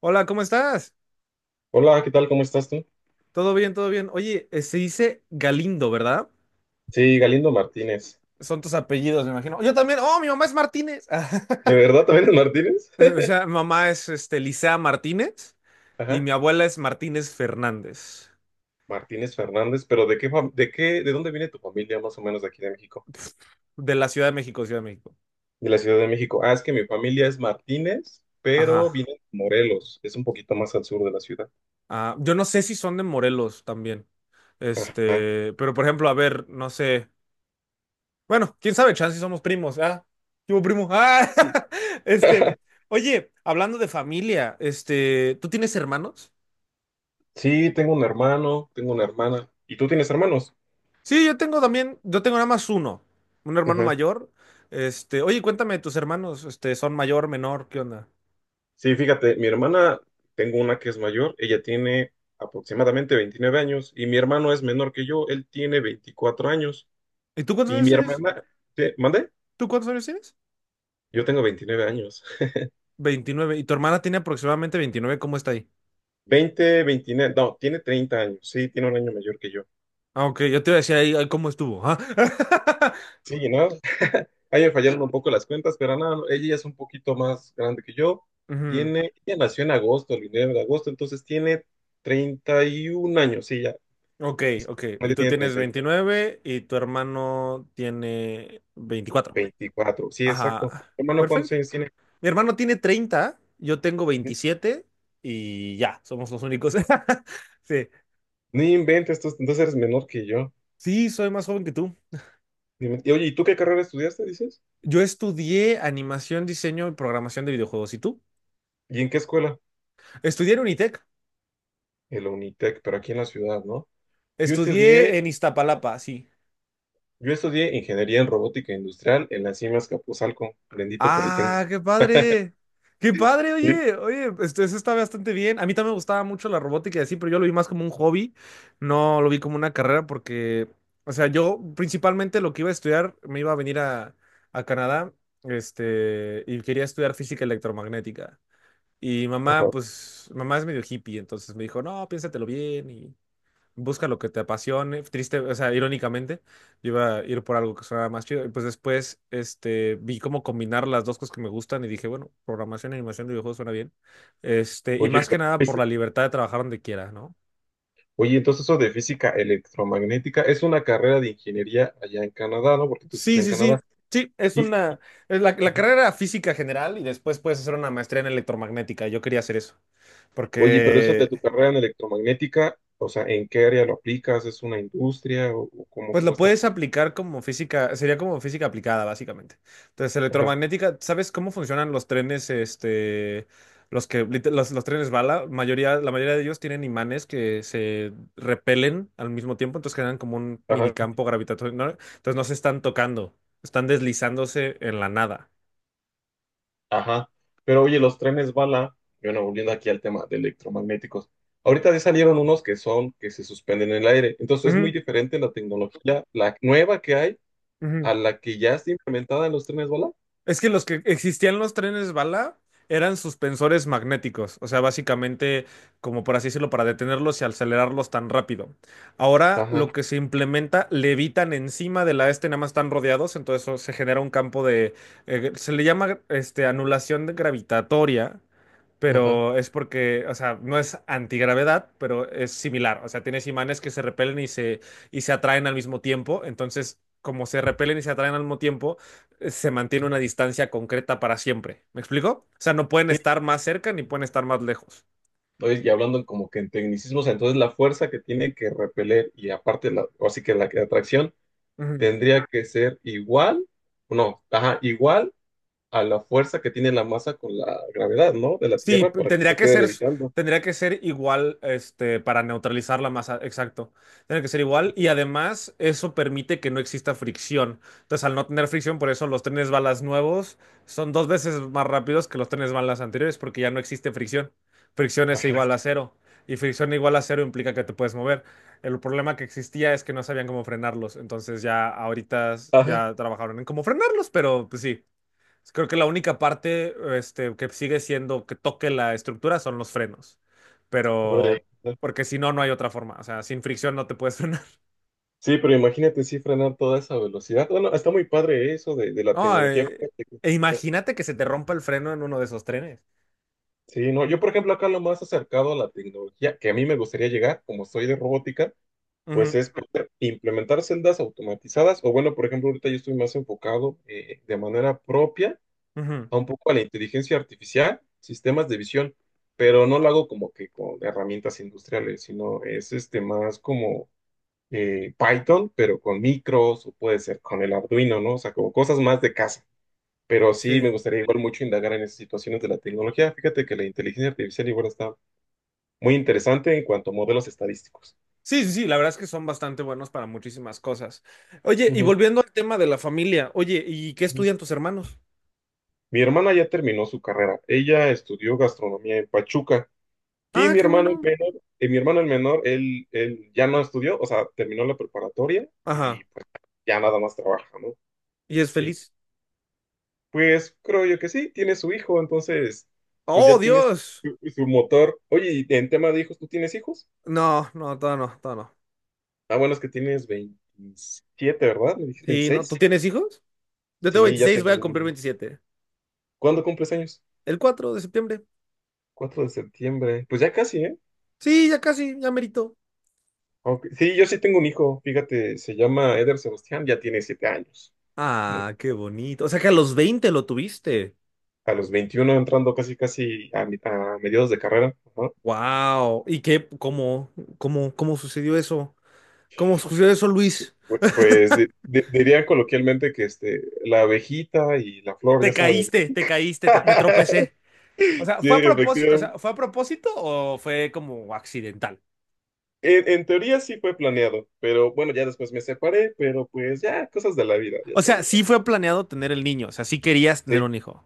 Hola, ¿cómo estás? Hola, ¿qué tal? ¿Cómo estás tú? Todo bien, todo bien. Oye, se dice Galindo, ¿verdad? Sí, Galindo Martínez. Son tus apellidos, me imagino. Yo también. Oh, mi mamá es Martínez. ¿De verdad también es Martínez? Eh, O sea, mi mamá es Licea Martínez, y Ajá, mi abuela es Martínez Fernández, Martínez Fernández, pero ¿de qué, de qué, de dónde viene tu familia más o menos de aquí de México? de la Ciudad de México, Ciudad de México. De la Ciudad de México. Ah, es que mi familia es Martínez, pero Ajá. viene de Morelos, es un poquito más al sur de la ciudad. Ah, yo no sé si son de Morelos también. Ajá. Pero por ejemplo, a ver, no sé. Bueno, quién sabe, chance y somos primos. Ah, ¿qué hubo, primo? Ah, Sí. este, oye, hablando de familia, ¿tú tienes hermanos? Sí, tengo un hermano, tengo una hermana. ¿Y tú tienes hermanos? Sí, yo tengo también, yo tengo nada más uno, un hermano Ajá. mayor. Oye, cuéntame, tus hermanos, son mayor, menor, ¿qué onda? Sí, fíjate, mi hermana, tengo una que es mayor, ella tiene aproximadamente 29 años y mi hermano es menor que yo, él tiene 24 años. ¿Y tú cuántos Y años mi tienes? hermana, ¿qué? ¿Mande? ¿Tú cuántos años tienes? Yo tengo 29 años. 29. ¿Y tu hermana tiene aproximadamente 29? ¿Cómo está ahí? Veinte Veintinueve, no, tiene 30 años. Sí, tiene un año mayor que yo. Ah, ok, yo te iba a decir ahí cómo estuvo. Ah. Sí, ¿no? Ahí me fallaron un poco las cuentas, pero nada, no, ella ya es un poquito más grande que yo. Ujú. Tiene, ella nació en agosto, el 29 de agosto, entonces tiene 31 años. Sí, ya, Ok, ok. Y ella tú tiene tienes 31. 29 y tu hermano tiene 24. 24. Sí, exacto. Ajá, Hermano, ¿cuántos perfecto. años tiene? Mi hermano tiene 30. Yo tengo Ujú. 27, y ya, somos los únicos. Sí. Ni inventes, entonces eres menor que yo. Sí, soy más joven que tú. Ni inventes. Y, oye, ¿y tú qué carrera estudiaste, dices? Yo estudié animación, diseño y programación de videojuegos. ¿Y tú? ¿Y en qué escuela? Estudié en Unitec. En la Unitec, pero aquí en la ciudad, ¿no? Yo Estudié estudié, en Iztapalapa, sí. yo estudié ingeniería en robótica industrial en las CIMAS Capuzalco, bendito Politécnico. ¡Ah, qué padre! ¡Qué padre! Sí. Oye, oye, eso está bastante bien. A mí también me gustaba mucho la robótica y así, pero yo lo vi más como un hobby. No lo vi como una carrera porque, o sea, yo principalmente lo que iba a estudiar me iba a venir a Canadá, y quería estudiar física electromagnética. Y mamá, Ajá. pues, mamá es medio hippie, entonces me dijo, no, piénsatelo bien y busca lo que te apasione. Triste, o sea, irónicamente, yo iba a ir por algo que sonara más chido. Y pues después, vi cómo combinar las dos cosas que me gustan, y dije, bueno, programación y animación de videojuegos suena bien. Y Oye, más que nada por la libertad de trabajar donde quiera, ¿no? oye, entonces eso de física electromagnética es una carrera de ingeniería allá en Canadá, ¿no? Porque tú estás Sí, en sí, Canadá. sí. Sí, es Y, una, es la, la carrera era física general y después puedes hacer una maestría en electromagnética. Yo quería hacer eso, oye, pero eso de porque, tu carrera en electromagnética, o sea, ¿en qué área lo aplicas? ¿Es una industria o pues cómo lo está? puedes aplicar como física, sería como física aplicada, básicamente. Entonces, Ajá, electromagnética, ¿sabes cómo funcionan los trenes, los trenes bala? La mayoría de ellos tienen imanes que se repelen al mismo tiempo, entonces generan como un ajá. minicampo gravitatorio, ¿no? Entonces no se están tocando, están deslizándose en la nada. Ajá, pero oye, los trenes bala, bueno, volviendo aquí al tema de electromagnéticos, ahorita ya salieron unos que son, que se suspenden en el aire, entonces es muy Ujú, diferente la tecnología, la nueva que hay, ujú. a la que ya está implementada en los trenes bala. Es que los que existían los trenes bala eran suspensores magnéticos, o sea, básicamente, como por así decirlo, para detenerlos y acelerarlos tan rápido. Ahora lo Ajá, que se implementa, levitan encima de la nada más están rodeados, entonces eso se genera un campo de, se le llama anulación gravitatoria, ajá. pero es porque, o sea, no es antigravedad, pero es similar. O sea, tienes imanes que se repelen y se atraen al mismo tiempo. Entonces, como se repelen y se atraen al mismo tiempo, se mantiene una distancia concreta para siempre. ¿Me explico? O sea, no pueden Sí, estar más cerca ni pueden estar más lejos. oye, y hablando en como que en tecnicismos, entonces la fuerza que tiene que repeler y aparte, la, o así que atracción Ujú. tendría que ser igual, no, ajá, igual a la fuerza que tiene la masa con la gravedad, ¿no? De la Sí, Tierra p- para que se tendría que quede ser, s- levitando. tendría que ser igual, para neutralizarla masa, exacto. Tendría que ser igual y además eso permite que no exista fricción. Entonces, al no tener fricción, por eso los trenes balas nuevos son dos veces más rápidos que los trenes balas anteriores porque ya no existe fricción. Fricción es Ajá. igual a cero y fricción igual a cero implica que te puedes mover. El problema que existía es que no sabían cómo frenarlos, entonces ya ahorita ya trabajaron en cómo frenarlos, pero pues sí. Creo que la única parte que sigue siendo que toque la estructura son los frenos. Hombre, Pero, porque si no, no hay otra forma. O sea, sin fricción no te puedes frenar. sí, pero imagínate sí frenar toda esa velocidad. Bueno, está muy padre eso de la No, tecnología. E imagínate que se te rompa el freno en uno de esos trenes. Sí, no, yo por ejemplo acá lo más acercado a la tecnología que a mí me gustaría llegar, como soy de robótica, pues Ujú, es poder implementar celdas automatizadas o bueno, por ejemplo, ahorita yo estoy más enfocado de manera propia ujú. a un poco a la inteligencia artificial, sistemas de visión, pero no lo hago como que con herramientas industriales, sino es este más como Python, pero con micros o puede ser con el Arduino, ¿no? O sea, como cosas más de casa. Pero sí me Sí. gustaría igual mucho indagar en esas situaciones de la tecnología. Fíjate que la inteligencia artificial igual está muy interesante en cuanto a modelos estadísticos. Sí, sí, sí, la verdad es que son bastante buenos para muchísimas cosas. Oye, y Ujú. volviendo al tema de la familia, oye, ¿y qué Ujú. estudian tus hermanos? Mi hermana ya terminó su carrera. Ella estudió gastronomía en Pachuca y Ah, qué bueno. Mi hermano el menor, él ya no estudió, o sea, terminó la preparatoria y Ajá. pues ya nada más trabaja, ¿no? ¿Y es Sí, feliz? pues creo yo que sí, tiene su hijo, entonces pues Oh, ya tienes Dios. Su motor. Oye, y en tema de hijos, ¿tú tienes hijos? No, no, todavía no, todavía no. Ah, bueno, es que tienes 27, ¿verdad? ¿Me dijiste Sí, ¿no? 26? ¿Tú tienes hijos? Yo tengo Sí, ya 26, voy tengo a cumplir uno. 27. ¿Cuándo cumples años? El 4 de septiembre. 4 de septiembre. Pues ya casi, ¿eh? Sí, ya casi, ya merito. Ok, sí, yo sí tengo un hijo, fíjate, se llama Eder Sebastián, ya tiene 7 años. Mm, Ah, qué bonito. O sea que a los 20 lo tuviste. a los 21 entrando casi casi a, a mediados de carrera, ajá. Wow. ¿Y qué? ¿Cómo? ¿Cómo? ¿Cómo sucedió eso? ¿Cómo sucedió eso, Luis? Dirían coloquialmente que este, la abejita y la flor, ya sabes. ¿No? Te caíste, me tropecé. O sea, Sí, ¿fue a propósito? O efectivamente. sea, ¿fue a propósito o fue como accidental? En teoría sí fue planeado, pero bueno, ya después me separé, pero pues ya, cosas de la vida, ya O sea, sabes. sí fue planeado tener el niño, o sea, sí querías tener Sí, un hijo.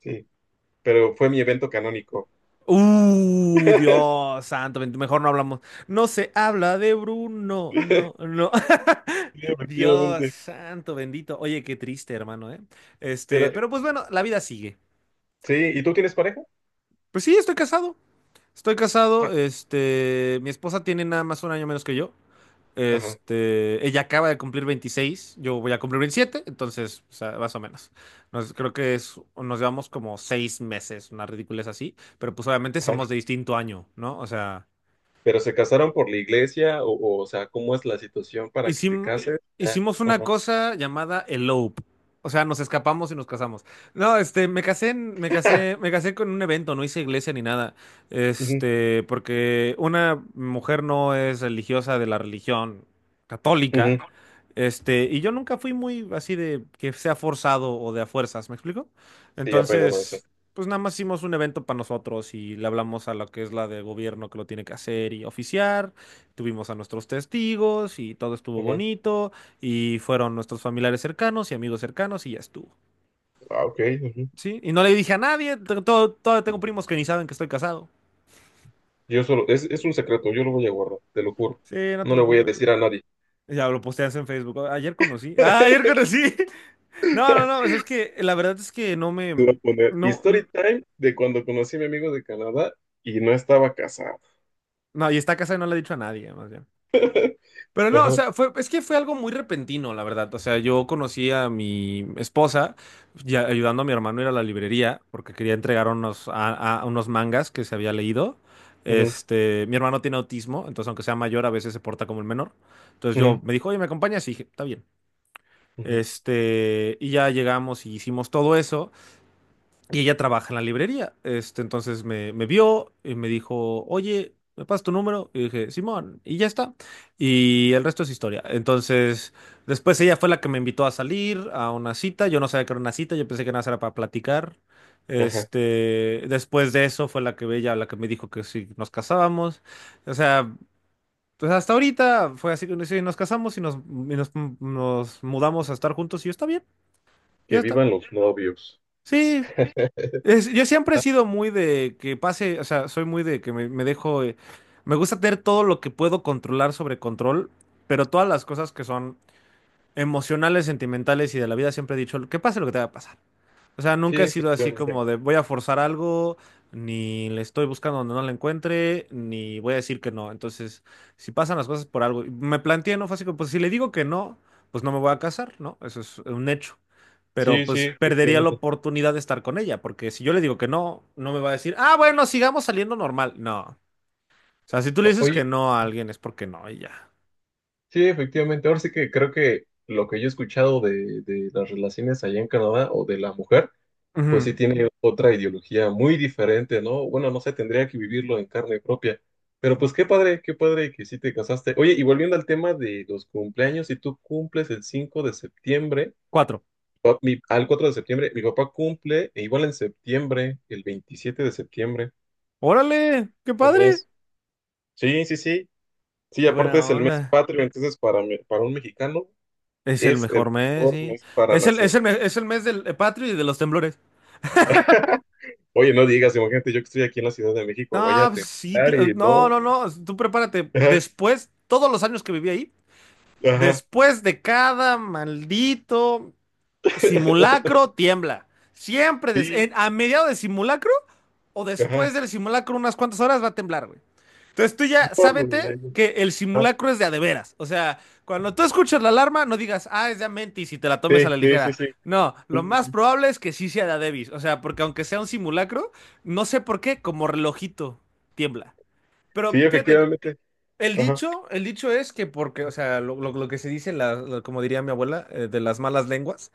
sí, pero fue mi evento canónico. Dios santo, mejor no hablamos. No se habla de Bruno, no, no. Sí, Dios efectivamente. santo, bendito. Oye, qué triste, hermano, ¿eh? Pero, Pero pues bueno, la vida sigue. sí, ¿y tú tienes pareja? Pues sí, estoy casado. Estoy casado, Ah. Mi esposa tiene nada más un año menos que yo. Ajá, Ella acaba de cumplir 26, yo voy a cumplir veintisiete. Entonces, o sea, más o menos. Creo que es, nos llevamos como 6 meses, una ridiculez así, pero pues obviamente somos ajá. de distinto año, ¿no? O sea, ¿Pero se casaron por la iglesia? O, o sea, ¿cómo es la situación para que te Hicim- cases? Ya, hicimos una ajá. cosa llamada elope. O sea, nos escapamos y nos casamos. No, me casé, en- me casé con un evento, no hice iglesia ni nada. Ujú, Porque una mujer no es religiosa de la religión ujú. católica. Y yo nunca fui muy así de que sea forzado o de a fuerzas, ¿me explico? Sí, ya pegado a eso. Entonces, pues nada más hicimos un evento para nosotros y le hablamos a la que es la de gobierno que lo tiene que hacer y oficiar. Tuvimos a nuestros testigos y todo estuvo Ujú. bonito y fueron nuestros familiares cercanos y amigos cercanos y ya estuvo. Ah, ok. Ujú. ¿Sí? Y no le dije a nadie, todo, todavía tengo primos que ni saben que estoy casado. Yo solo, es un secreto, yo lo voy a guardar, te lo juro. Sí, no te No le voy a preocupes. decir a nadie. Ya lo posteas en Facebook. Ayer conocí. Ah, ayer conocí. No, no, no, pues es que la verdad es que no Te me. iba a poner No, Story Time de cuando conocí a mi amigo de Canadá y no estaba casado. no, y está casada y no le he dicho a nadie, más bien. Pero no, o Ajá, sea, es que fue algo muy repentino, la verdad. O sea, yo conocí a mi esposa ya ayudando a mi hermano a ir a la librería porque quería entregar a unos mangas que se había leído. ujú, Mi hermano tiene autismo, entonces aunque sea mayor, a veces se porta como el menor. Entonces yo ujú, me dijo, oye, ¿me acompañas? Y dije, está bien. ujú, Y ya llegamos y hicimos todo eso. Y ella trabaja en la librería. Entonces me vio y me dijo, oye, ¿me pasas tu número? Y dije, Simón, y ya está. Y el resto es historia. Entonces, después ella fue la que me invitó a salir a una cita. Yo no sabía que era una cita, yo pensé que nada más era para platicar. ajá. Este, Después de eso fue la que me dijo que si nos casábamos. O sea, pues hasta ahorita fue así que sí, nos casamos y nos, nos mudamos a estar juntos y yo, está bien, ya Que está. vivan los novios. Sí, yo siempre he sido muy de que pase, o sea, soy muy de que me dejo, me gusta tener todo lo que puedo controlar sobre control, pero todas las cosas que son emocionales, sentimentales y de la vida siempre he dicho, que pase lo que te va a pasar. O sea, Sí, nunca he sido así efectivamente. como de voy a forzar algo, ni le estoy buscando donde no la encuentre, ni voy a decir que no. Entonces, si pasan las cosas por algo, y me planteé, ¿no? Fue así como, pues si le digo que no, pues no me voy a casar, ¿no? Eso es un hecho, pero Sí, sí, pues perdería la efectivamente. oportunidad de estar con ella, porque si yo le digo que no, no me va a decir, ah, bueno, sigamos saliendo normal. No. O sea, si tú le dices que Oye, no a alguien es porque no, y ya. sí, efectivamente. Ahora sí que creo que lo que yo he escuchado de las relaciones allá en Canadá o de la mujer pues sí Ujú. tiene otra ideología muy diferente, ¿no? Bueno, no sé, tendría que vivirlo en carne propia. Pero pues qué padre que sí te casaste. Oye, y volviendo al tema de los cumpleaños, si tú cumples el 5 de septiembre, Cuatro. o al 4 de septiembre, mi papá cumple e igual en septiembre, el 27 de septiembre. Órale, qué Un padre. mes. Sí, sí, sí. Sí, Qué buena aparte es el mes onda. patrio, entonces para, para un mexicano Es el es el mejor mes, mejor sí. mes para Es el, es nacer. el, me- es el mes del patrio y de los temblores. Oye, no digas, imagínate, yo que estoy aquí en la Ciudad de México, vaya No, a pues sí, temblar y no, no. no, no. Tú prepárate. Después, todos los años que viví ahí, Ajá. después de cada maldito simulacro, tiembla. Siempre Sí, a mediados de simulacro o después ajá. del simulacro, unas cuantas horas va a temblar, güey. Entonces tú ya No, no, sábete no, no. que el Ajá. simulacro es de a de veras. O sea, cuando tú escuchas la alarma, no digas, ah, es de a mentis y te la tomes a Sí, la sí, sí, ligera. sí. No, Sí, lo sí, más sí. probable es que sí sea de a debis. O sea, porque aunque sea un simulacro, no sé por qué, como relojito tiembla. Pero Sí, fíjate, efectivamente. Ajá. El dicho es que porque, o sea, lo que se dice, como diría mi abuela, de las malas lenguas,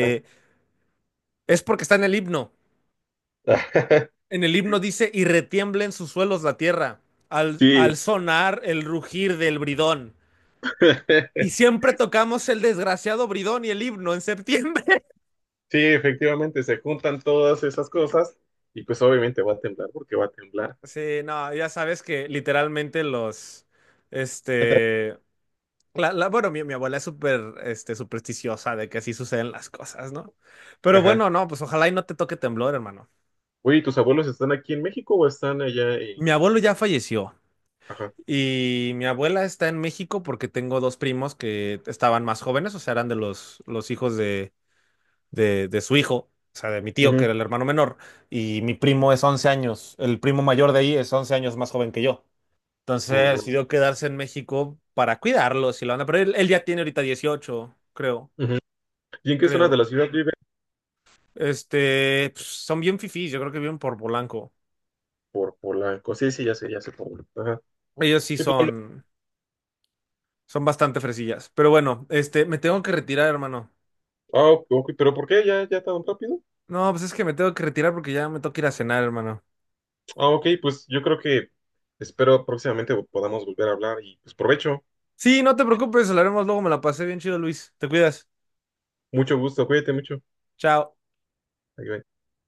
Ah, es porque está en el himno. ah. En el himno dice, y retiembla en sus suelos la tierra, al, Sí. al sonar el rugir del bridón. Y siempre tocamos el desgraciado bridón y el himno en septiembre. Sí, efectivamente, se juntan todas esas cosas y pues obviamente va a temblar porque va a temblar. Sí, no, ya sabes que literalmente los, este, bueno, mi abuela es súper supersticiosa de que así suceden las cosas, ¿no? Pero Ajá. bueno, no, pues ojalá y no te toque temblor, hermano. Oye, ¿y tus abuelos están aquí en México o están allá en... Mi abuelo ya falleció Ajá. y mi abuela está en México porque tengo dos primos que estaban más jóvenes, o sea, eran de los hijos de su hijo, o sea, de mi tío, que Ujú. era el hermano menor, y mi primo es 11 años, el primo mayor de ahí es 11 años más joven que yo. Entonces Uy, no. decidió quedarse en México para cuidarlos y la onda, pero él ya tiene ahorita 18, creo, Ujú. ¿Y en qué zona de la creo. ciudad viven? Pues, son bien fifís, yo creo que viven por Polanco. Por Polanco. Sí, sí, ya sé, ya sé. Polanco. Ajá. Ellos sí Sí, Polanco. son bastante fresillas. Pero bueno, me tengo que retirar, hermano. Ah, ok, ok, pero ¿por qué ya, ya tan rápido? No, pues es que me tengo que retirar porque ya me toca ir a cenar, hermano. Ah, ok, pues yo creo que espero próximamente podamos volver a hablar y pues provecho. Sí, no te preocupes, hablaremos luego, me la pasé bien chido, Luis. Te cuidas. Mucho gusto, cuídate mucho. Chao. Ahí va.